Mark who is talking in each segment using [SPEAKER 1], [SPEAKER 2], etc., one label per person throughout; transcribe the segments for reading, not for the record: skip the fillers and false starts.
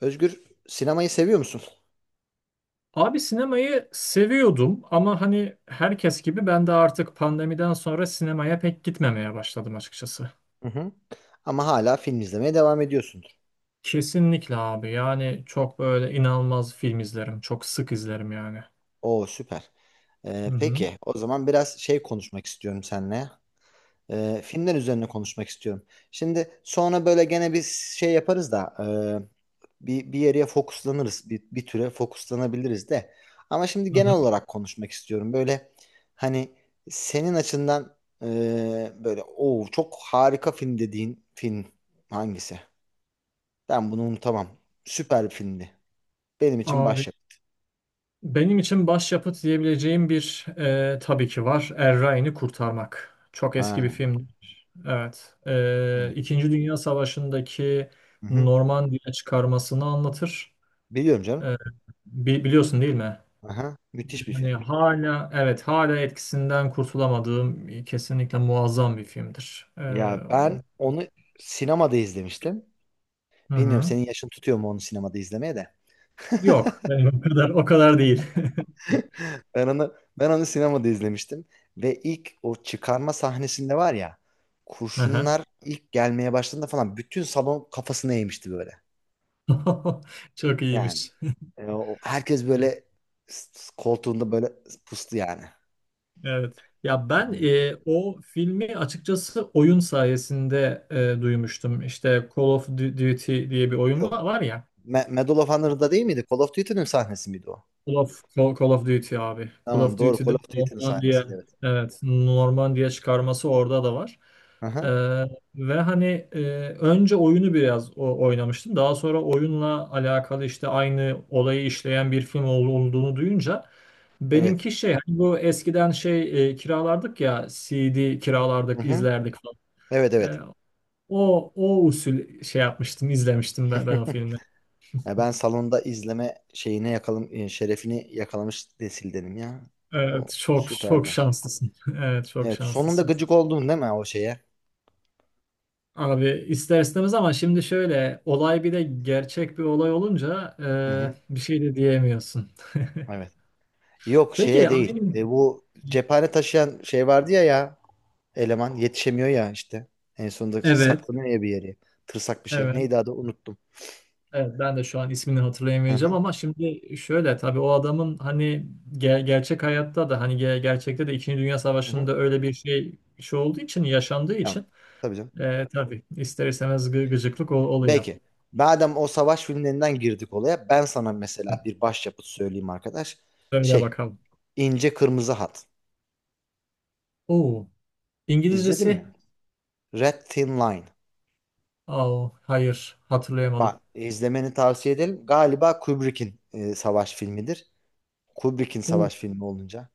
[SPEAKER 1] Özgür, sinemayı seviyor musun?
[SPEAKER 2] Abi sinemayı seviyordum ama hani herkes gibi ben de artık pandemiden sonra sinemaya pek gitmemeye başladım açıkçası.
[SPEAKER 1] Hı hı. Ama hala film izlemeye devam ediyorsundur.
[SPEAKER 2] Kesinlikle abi, yani çok böyle inanılmaz film izlerim. Çok sık izlerim yani.
[SPEAKER 1] Oo süper.
[SPEAKER 2] Hı hı.
[SPEAKER 1] Peki o zaman biraz şey konuşmak istiyorum seninle. Filmler üzerine konuşmak istiyorum. Şimdi sonra böyle gene bir şey yaparız da bir yere fokuslanırız. Bir türe fokuslanabiliriz de. Ama şimdi
[SPEAKER 2] Hı
[SPEAKER 1] genel
[SPEAKER 2] hı.
[SPEAKER 1] olarak konuşmak istiyorum. Böyle hani senin açından e, böyle o çok harika film dediğin film hangisi? Ben bunu unutamam. Süper bir filmdi. Benim için
[SPEAKER 2] Abi,
[SPEAKER 1] başyapıt.
[SPEAKER 2] benim için başyapıt diyebileceğim bir tabii ki var. Er Ryan'ı Kurtarmak. Çok eski bir
[SPEAKER 1] Ha.
[SPEAKER 2] film. Evet.
[SPEAKER 1] Hı.
[SPEAKER 2] İkinci Dünya Savaşı'ndaki
[SPEAKER 1] Hı-hı.
[SPEAKER 2] Normandiya çıkarmasını anlatır.
[SPEAKER 1] Biliyorum canım.
[SPEAKER 2] E, biliyorsun değil mi?
[SPEAKER 1] Aha. Müthiş bir film.
[SPEAKER 2] Yani hala, evet, hala etkisinden kurtulamadığım, kesinlikle muazzam bir filmdir.
[SPEAKER 1] Ya ben
[SPEAKER 2] O-
[SPEAKER 1] onu sinemada izlemiştim.
[SPEAKER 2] hı
[SPEAKER 1] Bilmiyorum
[SPEAKER 2] hı.
[SPEAKER 1] senin yaşın tutuyor mu onu sinemada izlemeye de.
[SPEAKER 2] Yok, benim o kadar değil.
[SPEAKER 1] Ben onu sinemada izlemiştim ve ilk o çıkarma sahnesinde var ya
[SPEAKER 2] Aha.
[SPEAKER 1] kurşunlar ilk gelmeye başladığında falan bütün salon kafasına eğmişti böyle.
[SPEAKER 2] Çok
[SPEAKER 1] Yani
[SPEAKER 2] iyiymiş.
[SPEAKER 1] herkes böyle koltuğunda böyle pustu yani.
[SPEAKER 2] Evet. Ya ben
[SPEAKER 1] Yani
[SPEAKER 2] o filmi açıkçası oyun sayesinde duymuştum. İşte Call of Duty diye bir oyun
[SPEAKER 1] yok.
[SPEAKER 2] var ya.
[SPEAKER 1] Medal of Honor'da değil miydi? Call of Duty'nin sahnesi miydi o?
[SPEAKER 2] Call of Duty abi. Call
[SPEAKER 1] Tamam
[SPEAKER 2] of
[SPEAKER 1] doğru.
[SPEAKER 2] Duty'de
[SPEAKER 1] Call of Duty'nin
[SPEAKER 2] Normandiya,
[SPEAKER 1] sahnesiydi evet.
[SPEAKER 2] evet, Normandiya çıkarması orada da var.
[SPEAKER 1] Hı
[SPEAKER 2] Ee,
[SPEAKER 1] hı.
[SPEAKER 2] Ve hani e, önce oyunu biraz oynamıştım. Daha sonra oyunla alakalı, işte aynı olayı işleyen bir film olduğunu duyunca
[SPEAKER 1] Evet.
[SPEAKER 2] benimki şey, hani bu eskiden şey, kiralardık ya, CD
[SPEAKER 1] Hı
[SPEAKER 2] kiralardık,
[SPEAKER 1] hı.
[SPEAKER 2] izlerdik falan.
[SPEAKER 1] Evet,
[SPEAKER 2] Ee,
[SPEAKER 1] evet.
[SPEAKER 2] O o usul şey yapmıştım, izlemiştim ben, o filmi.
[SPEAKER 1] Ya ben salonda izleme şeyine yakalım şerefini yakalamış nesildenim ya. O
[SPEAKER 2] Evet, çok çok
[SPEAKER 1] süperdi.
[SPEAKER 2] şanslısın. Evet, çok
[SPEAKER 1] Evet, sonunda
[SPEAKER 2] şanslısın.
[SPEAKER 1] gıcık oldun değil mi o şeye?
[SPEAKER 2] Abi ister istemez, ama şimdi şöyle, olay bir de gerçek bir olay olunca
[SPEAKER 1] Hı hı.
[SPEAKER 2] bir şey de diyemiyorsun.
[SPEAKER 1] Evet. Yok,
[SPEAKER 2] Peki
[SPEAKER 1] şeye değil.
[SPEAKER 2] aynı.
[SPEAKER 1] Bu cephane taşıyan şey vardı ya, ya eleman yetişemiyor ya işte. En sonunda
[SPEAKER 2] Evet,
[SPEAKER 1] saklanıyor ya bir yere. Tırsak bir şey.
[SPEAKER 2] evet,
[SPEAKER 1] Neydi adı unuttum.
[SPEAKER 2] evet. Ben de şu an ismini
[SPEAKER 1] Hı
[SPEAKER 2] hatırlayamayacağım,
[SPEAKER 1] hı.
[SPEAKER 2] ama şimdi şöyle, tabii o adamın hani gerçek hayatta da hani gerçekte de İkinci Dünya
[SPEAKER 1] Hı hı.
[SPEAKER 2] Savaşı'nda öyle bir şey, şey olduğu için, yaşandığı
[SPEAKER 1] Tamam.
[SPEAKER 2] için
[SPEAKER 1] Tabii canım.
[SPEAKER 2] tabii ister istemez gıcıklık oluyor.
[SPEAKER 1] Belki. Madem o savaş filmlerinden girdik olaya, ben sana mesela bir başyapıt söyleyeyim arkadaş.
[SPEAKER 2] Söyle
[SPEAKER 1] Şey,
[SPEAKER 2] bakalım.
[SPEAKER 1] İnce Kırmızı Hat.
[SPEAKER 2] Oo,
[SPEAKER 1] İzledin
[SPEAKER 2] İngilizcesi?
[SPEAKER 1] mi? Red Thin Line.
[SPEAKER 2] Aa, hayır, hatırlayamadım.
[SPEAKER 1] Bak, izlemeni tavsiye ederim. Galiba Kubrick'in savaş filmidir. Kubrick'in savaş filmi olunca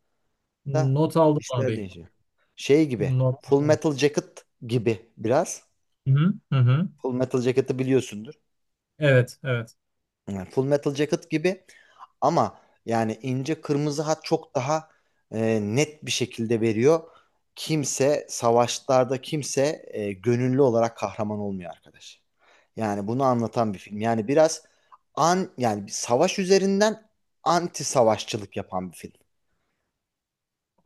[SPEAKER 1] da
[SPEAKER 2] Not aldım
[SPEAKER 1] işler
[SPEAKER 2] abi.
[SPEAKER 1] değişiyor. Şey gibi,
[SPEAKER 2] Not
[SPEAKER 1] Full
[SPEAKER 2] aldım.
[SPEAKER 1] Metal Jacket gibi biraz.
[SPEAKER 2] Hı hı, hı hı.
[SPEAKER 1] Full Metal Jacket'ı biliyorsundur.
[SPEAKER 2] Evet, evet.
[SPEAKER 1] Yani Full Metal Jacket gibi. Ama yani ince kırmızı hat çok daha net bir şekilde veriyor. Kimse savaşlarda kimse gönüllü olarak kahraman olmuyor arkadaş. Yani bunu anlatan bir film. Yani biraz yani bir savaş üzerinden anti savaşçılık yapan bir film.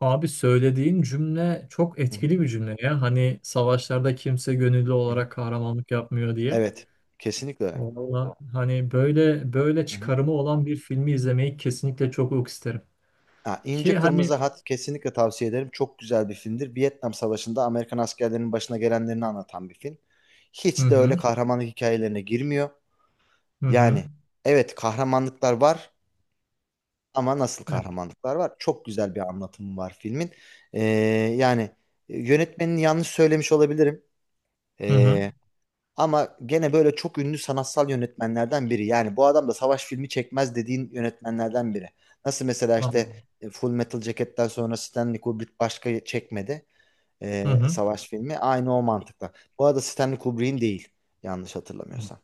[SPEAKER 2] Abi, söylediğin cümle çok
[SPEAKER 1] Hı hı,
[SPEAKER 2] etkili bir cümle ya. Hani savaşlarda kimse gönüllü
[SPEAKER 1] hı hı.
[SPEAKER 2] olarak kahramanlık yapmıyor diye.
[SPEAKER 1] Evet, kesinlikle öyle.
[SPEAKER 2] Valla hani böyle, böyle
[SPEAKER 1] Hı hı.
[SPEAKER 2] çıkarımı olan bir filmi izlemeyi kesinlikle çok çok isterim.
[SPEAKER 1] Ha,
[SPEAKER 2] Ki
[SPEAKER 1] İnce
[SPEAKER 2] hani,
[SPEAKER 1] Kırmızı Hat kesinlikle tavsiye ederim. Çok güzel bir filmdir. Vietnam Savaşı'nda Amerikan askerlerinin başına gelenlerini anlatan bir film.
[SPEAKER 2] hı
[SPEAKER 1] Hiç de öyle
[SPEAKER 2] hı,
[SPEAKER 1] kahramanlık hikayelerine girmiyor.
[SPEAKER 2] hı hı,
[SPEAKER 1] Yani evet kahramanlıklar var, ama nasıl
[SPEAKER 2] evet,
[SPEAKER 1] kahramanlıklar var? Çok güzel bir anlatımı var filmin. Ee, yani yönetmenini yanlış söylemiş olabilirim.
[SPEAKER 2] hı hı,
[SPEAKER 1] Ee, ama gene böyle çok ünlü sanatsal yönetmenlerden biri. Yani bu adam da savaş filmi çekmez dediğin yönetmenlerden biri. Nasıl mesela işte
[SPEAKER 2] anladım.
[SPEAKER 1] Full Metal Jacket'ten sonra Stanley Kubrick başka çekmedi
[SPEAKER 2] Hı hı.
[SPEAKER 1] savaş filmi. Aynı o mantıkla. Bu arada Stanley Kubrick'in değil yanlış
[SPEAKER 2] Hı.
[SPEAKER 1] hatırlamıyorsam.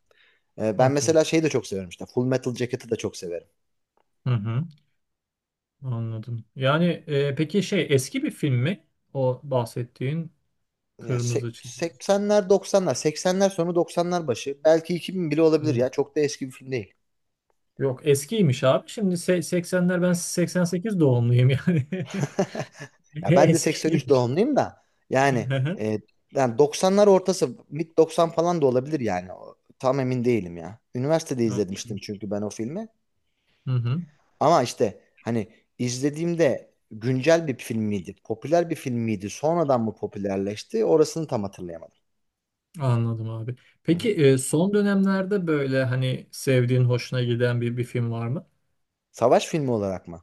[SPEAKER 1] Ben
[SPEAKER 2] Okey.
[SPEAKER 1] mesela şeyi de çok severim işte. Full Metal Jacket'ı da çok severim.
[SPEAKER 2] Hı hı, anladım. Yani, peki şey, eski bir film mi? O bahsettiğin
[SPEAKER 1] Ya
[SPEAKER 2] kırmızı çizgi.
[SPEAKER 1] 80'ler 90'lar 80'ler sonu 90'lar başı belki 2000 bile olabilir ya, çok da eski bir film değil.
[SPEAKER 2] Yok, eskiymiş abi. Şimdi 80'ler, ben 88 doğumluyum yani.
[SPEAKER 1] Ya ben de 83
[SPEAKER 2] Eskiymiş.
[SPEAKER 1] doğumluyum da yani,
[SPEAKER 2] Hı hı.
[SPEAKER 1] e, yani 90'lar ortası mid 90 falan da olabilir yani. Tam emin değilim ya. Üniversitede izlemiştim çünkü ben o filmi,
[SPEAKER 2] Hı hı,
[SPEAKER 1] ama işte hani izlediğimde güncel bir film miydi, popüler bir film miydi, sonradan mı popülerleşti orasını tam hatırlayamadım.
[SPEAKER 2] anladım abi.
[SPEAKER 1] Hı hı.
[SPEAKER 2] Peki son dönemlerde böyle hani sevdiğin, hoşuna giden bir film var mı?
[SPEAKER 1] Savaş filmi olarak mı?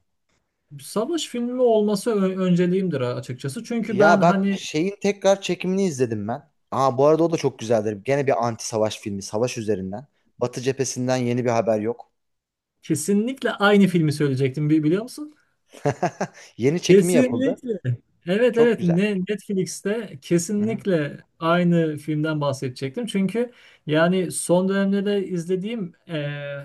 [SPEAKER 2] Savaş filmi olması önceliğimdir açıkçası. Çünkü ben
[SPEAKER 1] Ya bak
[SPEAKER 2] hani
[SPEAKER 1] şeyin tekrar çekimini izledim ben. Aa bu arada o da çok güzeldir. Gene bir anti savaş filmi, savaş üzerinden. Batı cephesinden yeni bir haber yok.
[SPEAKER 2] kesinlikle aynı filmi söyleyecektim, biliyor musun?
[SPEAKER 1] Yeni çekimi yapıldı.
[SPEAKER 2] Kesinlikle. Evet,
[SPEAKER 1] Çok
[SPEAKER 2] evet,
[SPEAKER 1] güzel.
[SPEAKER 2] Netflix'te
[SPEAKER 1] Hı-hı.
[SPEAKER 2] kesinlikle aynı filmden bahsedecektim. Çünkü yani son dönemde de izlediğim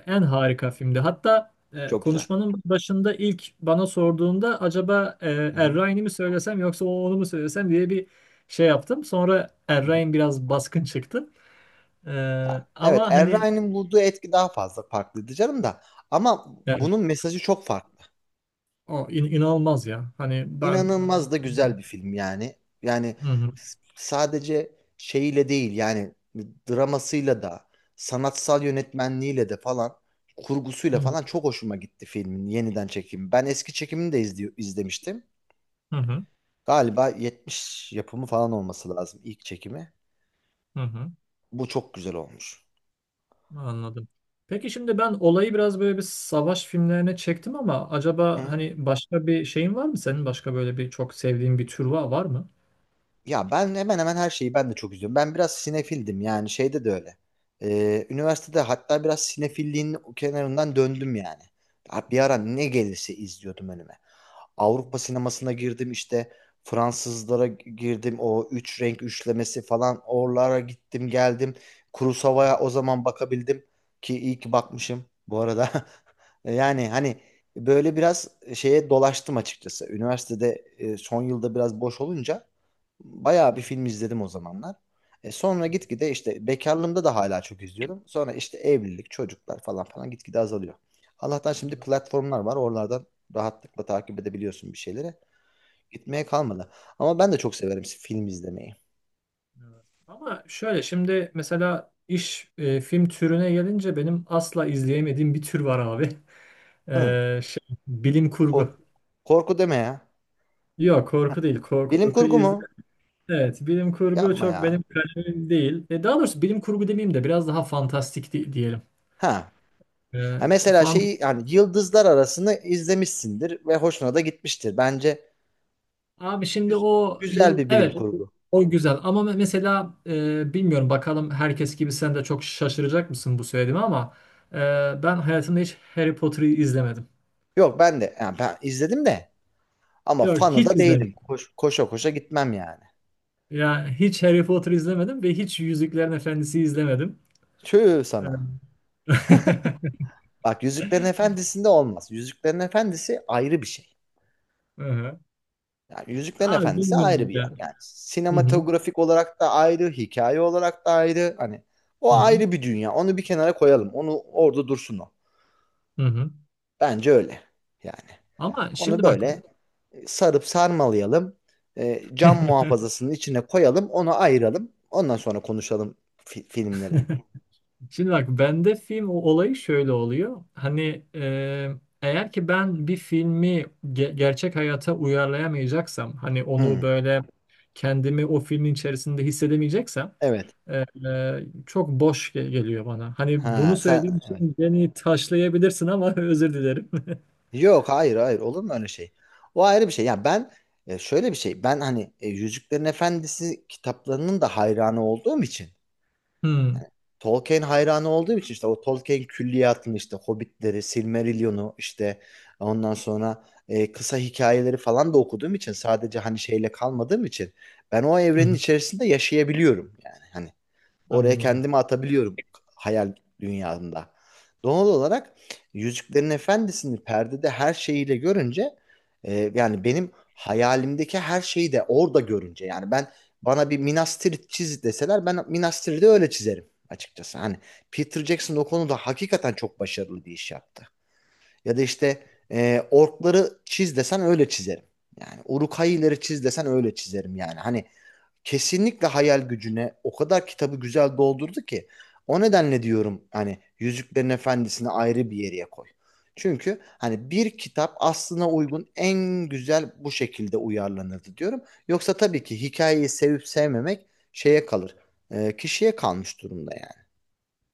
[SPEAKER 2] en harika filmdi. Hatta
[SPEAKER 1] Çok güzel.
[SPEAKER 2] konuşmanın başında ilk bana sorduğunda acaba Er
[SPEAKER 1] Hı-hı.
[SPEAKER 2] Ryan'i mi söylesem yoksa onu mu söylesem diye bir şey yaptım. Sonra Er
[SPEAKER 1] Hı-hı.
[SPEAKER 2] Ryan biraz baskın çıktı. E,
[SPEAKER 1] Ya, evet,
[SPEAKER 2] Ama
[SPEAKER 1] Er
[SPEAKER 2] hani,
[SPEAKER 1] Ryan'in bulduğu etki daha fazla farklıydı canım da. Ama
[SPEAKER 2] yani,
[SPEAKER 1] bunun mesajı çok farklı.
[SPEAKER 2] o inanılmaz ya. Hani ben...
[SPEAKER 1] İnanılmaz da güzel bir film yani. Yani
[SPEAKER 2] Hı hı.
[SPEAKER 1] sadece şeyiyle değil yani dramasıyla da sanatsal yönetmenliğiyle de falan
[SPEAKER 2] Hı
[SPEAKER 1] kurgusuyla
[SPEAKER 2] hı.
[SPEAKER 1] falan çok hoşuma gitti filmin yeniden çekimi. Ben eski çekimini de izlemiştim.
[SPEAKER 2] Hı hı.
[SPEAKER 1] Galiba 70 yapımı falan olması lazım ilk çekimi.
[SPEAKER 2] Hı hı.
[SPEAKER 1] Bu çok güzel olmuş.
[SPEAKER 2] Anladım. Peki şimdi ben olayı biraz böyle bir savaş filmlerine çektim, ama acaba
[SPEAKER 1] Hı.
[SPEAKER 2] hani başka bir şeyin var mı senin? Başka böyle bir çok sevdiğin bir tür var, var mı?
[SPEAKER 1] Ya ben hemen hemen her şeyi ben de çok izliyorum. Ben biraz sinefildim yani şeyde de öyle. Üniversitede hatta biraz sinefilliğin kenarından döndüm yani. Ha, bir ara ne gelirse izliyordum önüme.
[SPEAKER 2] Hı
[SPEAKER 1] Avrupa sinemasına girdim işte. Fransızlara girdim. O üç renk üçlemesi falan oralara gittim geldim. Kurosawa'ya
[SPEAKER 2] hı,
[SPEAKER 1] o zaman bakabildim, ki iyi ki bakmışım bu arada. Yani hani böyle biraz şeye dolaştım açıkçası. Üniversitede son yılda biraz boş olunca bayağı
[SPEAKER 2] hı hı,
[SPEAKER 1] bir
[SPEAKER 2] hı.
[SPEAKER 1] film izledim o zamanlar. Sonra gitgide işte bekarlığımda da hala çok izliyordum. Sonra işte evlilik, çocuklar falan falan gitgide azalıyor. Allah'tan şimdi
[SPEAKER 2] Evet,
[SPEAKER 1] platformlar var. Oralardan rahatlıkla takip edebiliyorsun bir şeyleri. Gitmeye kalmadı. Ama ben de çok severim film izlemeyi.
[SPEAKER 2] evet. Ama şöyle şimdi mesela iş, film türüne gelince benim asla izleyemediğim bir tür var abi.
[SPEAKER 1] Hı.
[SPEAKER 2] Bilim
[SPEAKER 1] Kor-
[SPEAKER 2] kurgu.
[SPEAKER 1] korku deme ya.
[SPEAKER 2] Yok, korku değil.
[SPEAKER 1] Bilim
[SPEAKER 2] Korku
[SPEAKER 1] kurgu
[SPEAKER 2] izlerim.
[SPEAKER 1] mu?
[SPEAKER 2] Evet, bilim kurgu
[SPEAKER 1] Yapma
[SPEAKER 2] çok
[SPEAKER 1] ya.
[SPEAKER 2] benim kalemim değil. Daha doğrusu bilim kurgu demeyeyim de biraz daha fantastik diyelim.
[SPEAKER 1] Ha.
[SPEAKER 2] E,
[SPEAKER 1] Ha mesela
[SPEAKER 2] fant
[SPEAKER 1] şeyi yani yıldızlar arasını izlemişsindir ve hoşuna da gitmiştir. Bence
[SPEAKER 2] Abi şimdi
[SPEAKER 1] güz-
[SPEAKER 2] o
[SPEAKER 1] güzel
[SPEAKER 2] yıl,
[SPEAKER 1] bir bilim
[SPEAKER 2] evet, o
[SPEAKER 1] kurgu.
[SPEAKER 2] o güzel, ama mesela bilmiyorum, bakalım herkes gibi sen de çok şaşıracak mısın bu söylediğime, ama ben hayatımda hiç Harry Potter'ı izlemedim.
[SPEAKER 1] Yok ben de yani ben izledim de. Ama
[SPEAKER 2] Yok,
[SPEAKER 1] fanı
[SPEAKER 2] hiç
[SPEAKER 1] da değilim.
[SPEAKER 2] izlemedim.
[SPEAKER 1] Koşa koşa gitmem yani.
[SPEAKER 2] Yani hiç Harry Potter izlemedim ve hiç Yüzüklerin Efendisi izlemedim.
[SPEAKER 1] Tüh
[SPEAKER 2] E,
[SPEAKER 1] sana. Bak Yüzüklerin Efendisi'nde olmaz. Yüzüklerin Efendisi ayrı bir şey.
[SPEAKER 2] Hı hı.
[SPEAKER 1] Yani Yüzüklerin
[SPEAKER 2] Abi
[SPEAKER 1] Efendisi ayrı
[SPEAKER 2] bilmiyorum
[SPEAKER 1] bir
[SPEAKER 2] ya.
[SPEAKER 1] yer. Yani
[SPEAKER 2] Hı hı,
[SPEAKER 1] sinematografik olarak da ayrı, hikaye olarak da ayrı. Hani o
[SPEAKER 2] hı hı,
[SPEAKER 1] ayrı bir dünya. Onu bir kenara koyalım. Onu orada dursun o.
[SPEAKER 2] hı hı.
[SPEAKER 1] Bence öyle. Yani
[SPEAKER 2] Ama
[SPEAKER 1] onu
[SPEAKER 2] şimdi bak
[SPEAKER 1] böyle sarıp sarmalayalım. Cam muhafazasının içine koyalım. Onu ayıralım. Ondan sonra konuşalım filmleri.
[SPEAKER 2] Şimdi bak, bende film, o olayı şöyle oluyor. Hani eğer ki ben bir filmi gerçek hayata uyarlayamayacaksam, hani onu
[SPEAKER 1] Hı,
[SPEAKER 2] böyle kendimi o filmin içerisinde hissedemeyeceksem
[SPEAKER 1] evet.
[SPEAKER 2] e, çok boş geliyor bana. Hani bunu
[SPEAKER 1] Ha sen
[SPEAKER 2] söylediğim
[SPEAKER 1] evet.
[SPEAKER 2] için beni taşlayabilirsin ama özür dilerim.
[SPEAKER 1] Yok, hayır, hayır, olur mu öyle şey? O ayrı bir şey. Ya ben şöyle bir şey. Ben hani Yüzüklerin Efendisi kitaplarının da hayranı olduğum için
[SPEAKER 2] Hmm,
[SPEAKER 1] Tolkien hayranı olduğum için işte o Tolkien külliyatını işte Hobbitleri, Silmarillion'u işte ondan sonra kısa hikayeleri falan da okuduğum için sadece hani şeyle kalmadığım için ben o
[SPEAKER 2] hı
[SPEAKER 1] evrenin
[SPEAKER 2] hı,
[SPEAKER 1] içerisinde yaşayabiliyorum yani. Hani, oraya
[SPEAKER 2] anladım.
[SPEAKER 1] kendimi atabiliyorum hayal dünyamda. Doğal olarak Yüzüklerin Efendisi'ni perdede her şeyiyle görünce yani benim hayalimdeki her şeyi de orada görünce yani ben bana bir Minas Tirith çiz deseler ben Minas Tirith'i öyle çizerim açıkçası. Hani Peter Jackson o konuda hakikaten çok başarılı bir iş yaptı. Ya da işte orkları çiz desen öyle çizerim. Yani uruk çiz desen öyle çizerim yani. Hani kesinlikle hayal gücüne o kadar kitabı güzel doldurdu ki o nedenle diyorum hani Yüzüklerin Efendisi'ni ayrı bir yere koy. Çünkü hani bir kitap aslına uygun en güzel bu şekilde uyarlanırdı diyorum. Yoksa tabii ki hikayeyi sevip sevmemek şeye kalır. Kişiye kalmış durumda yani.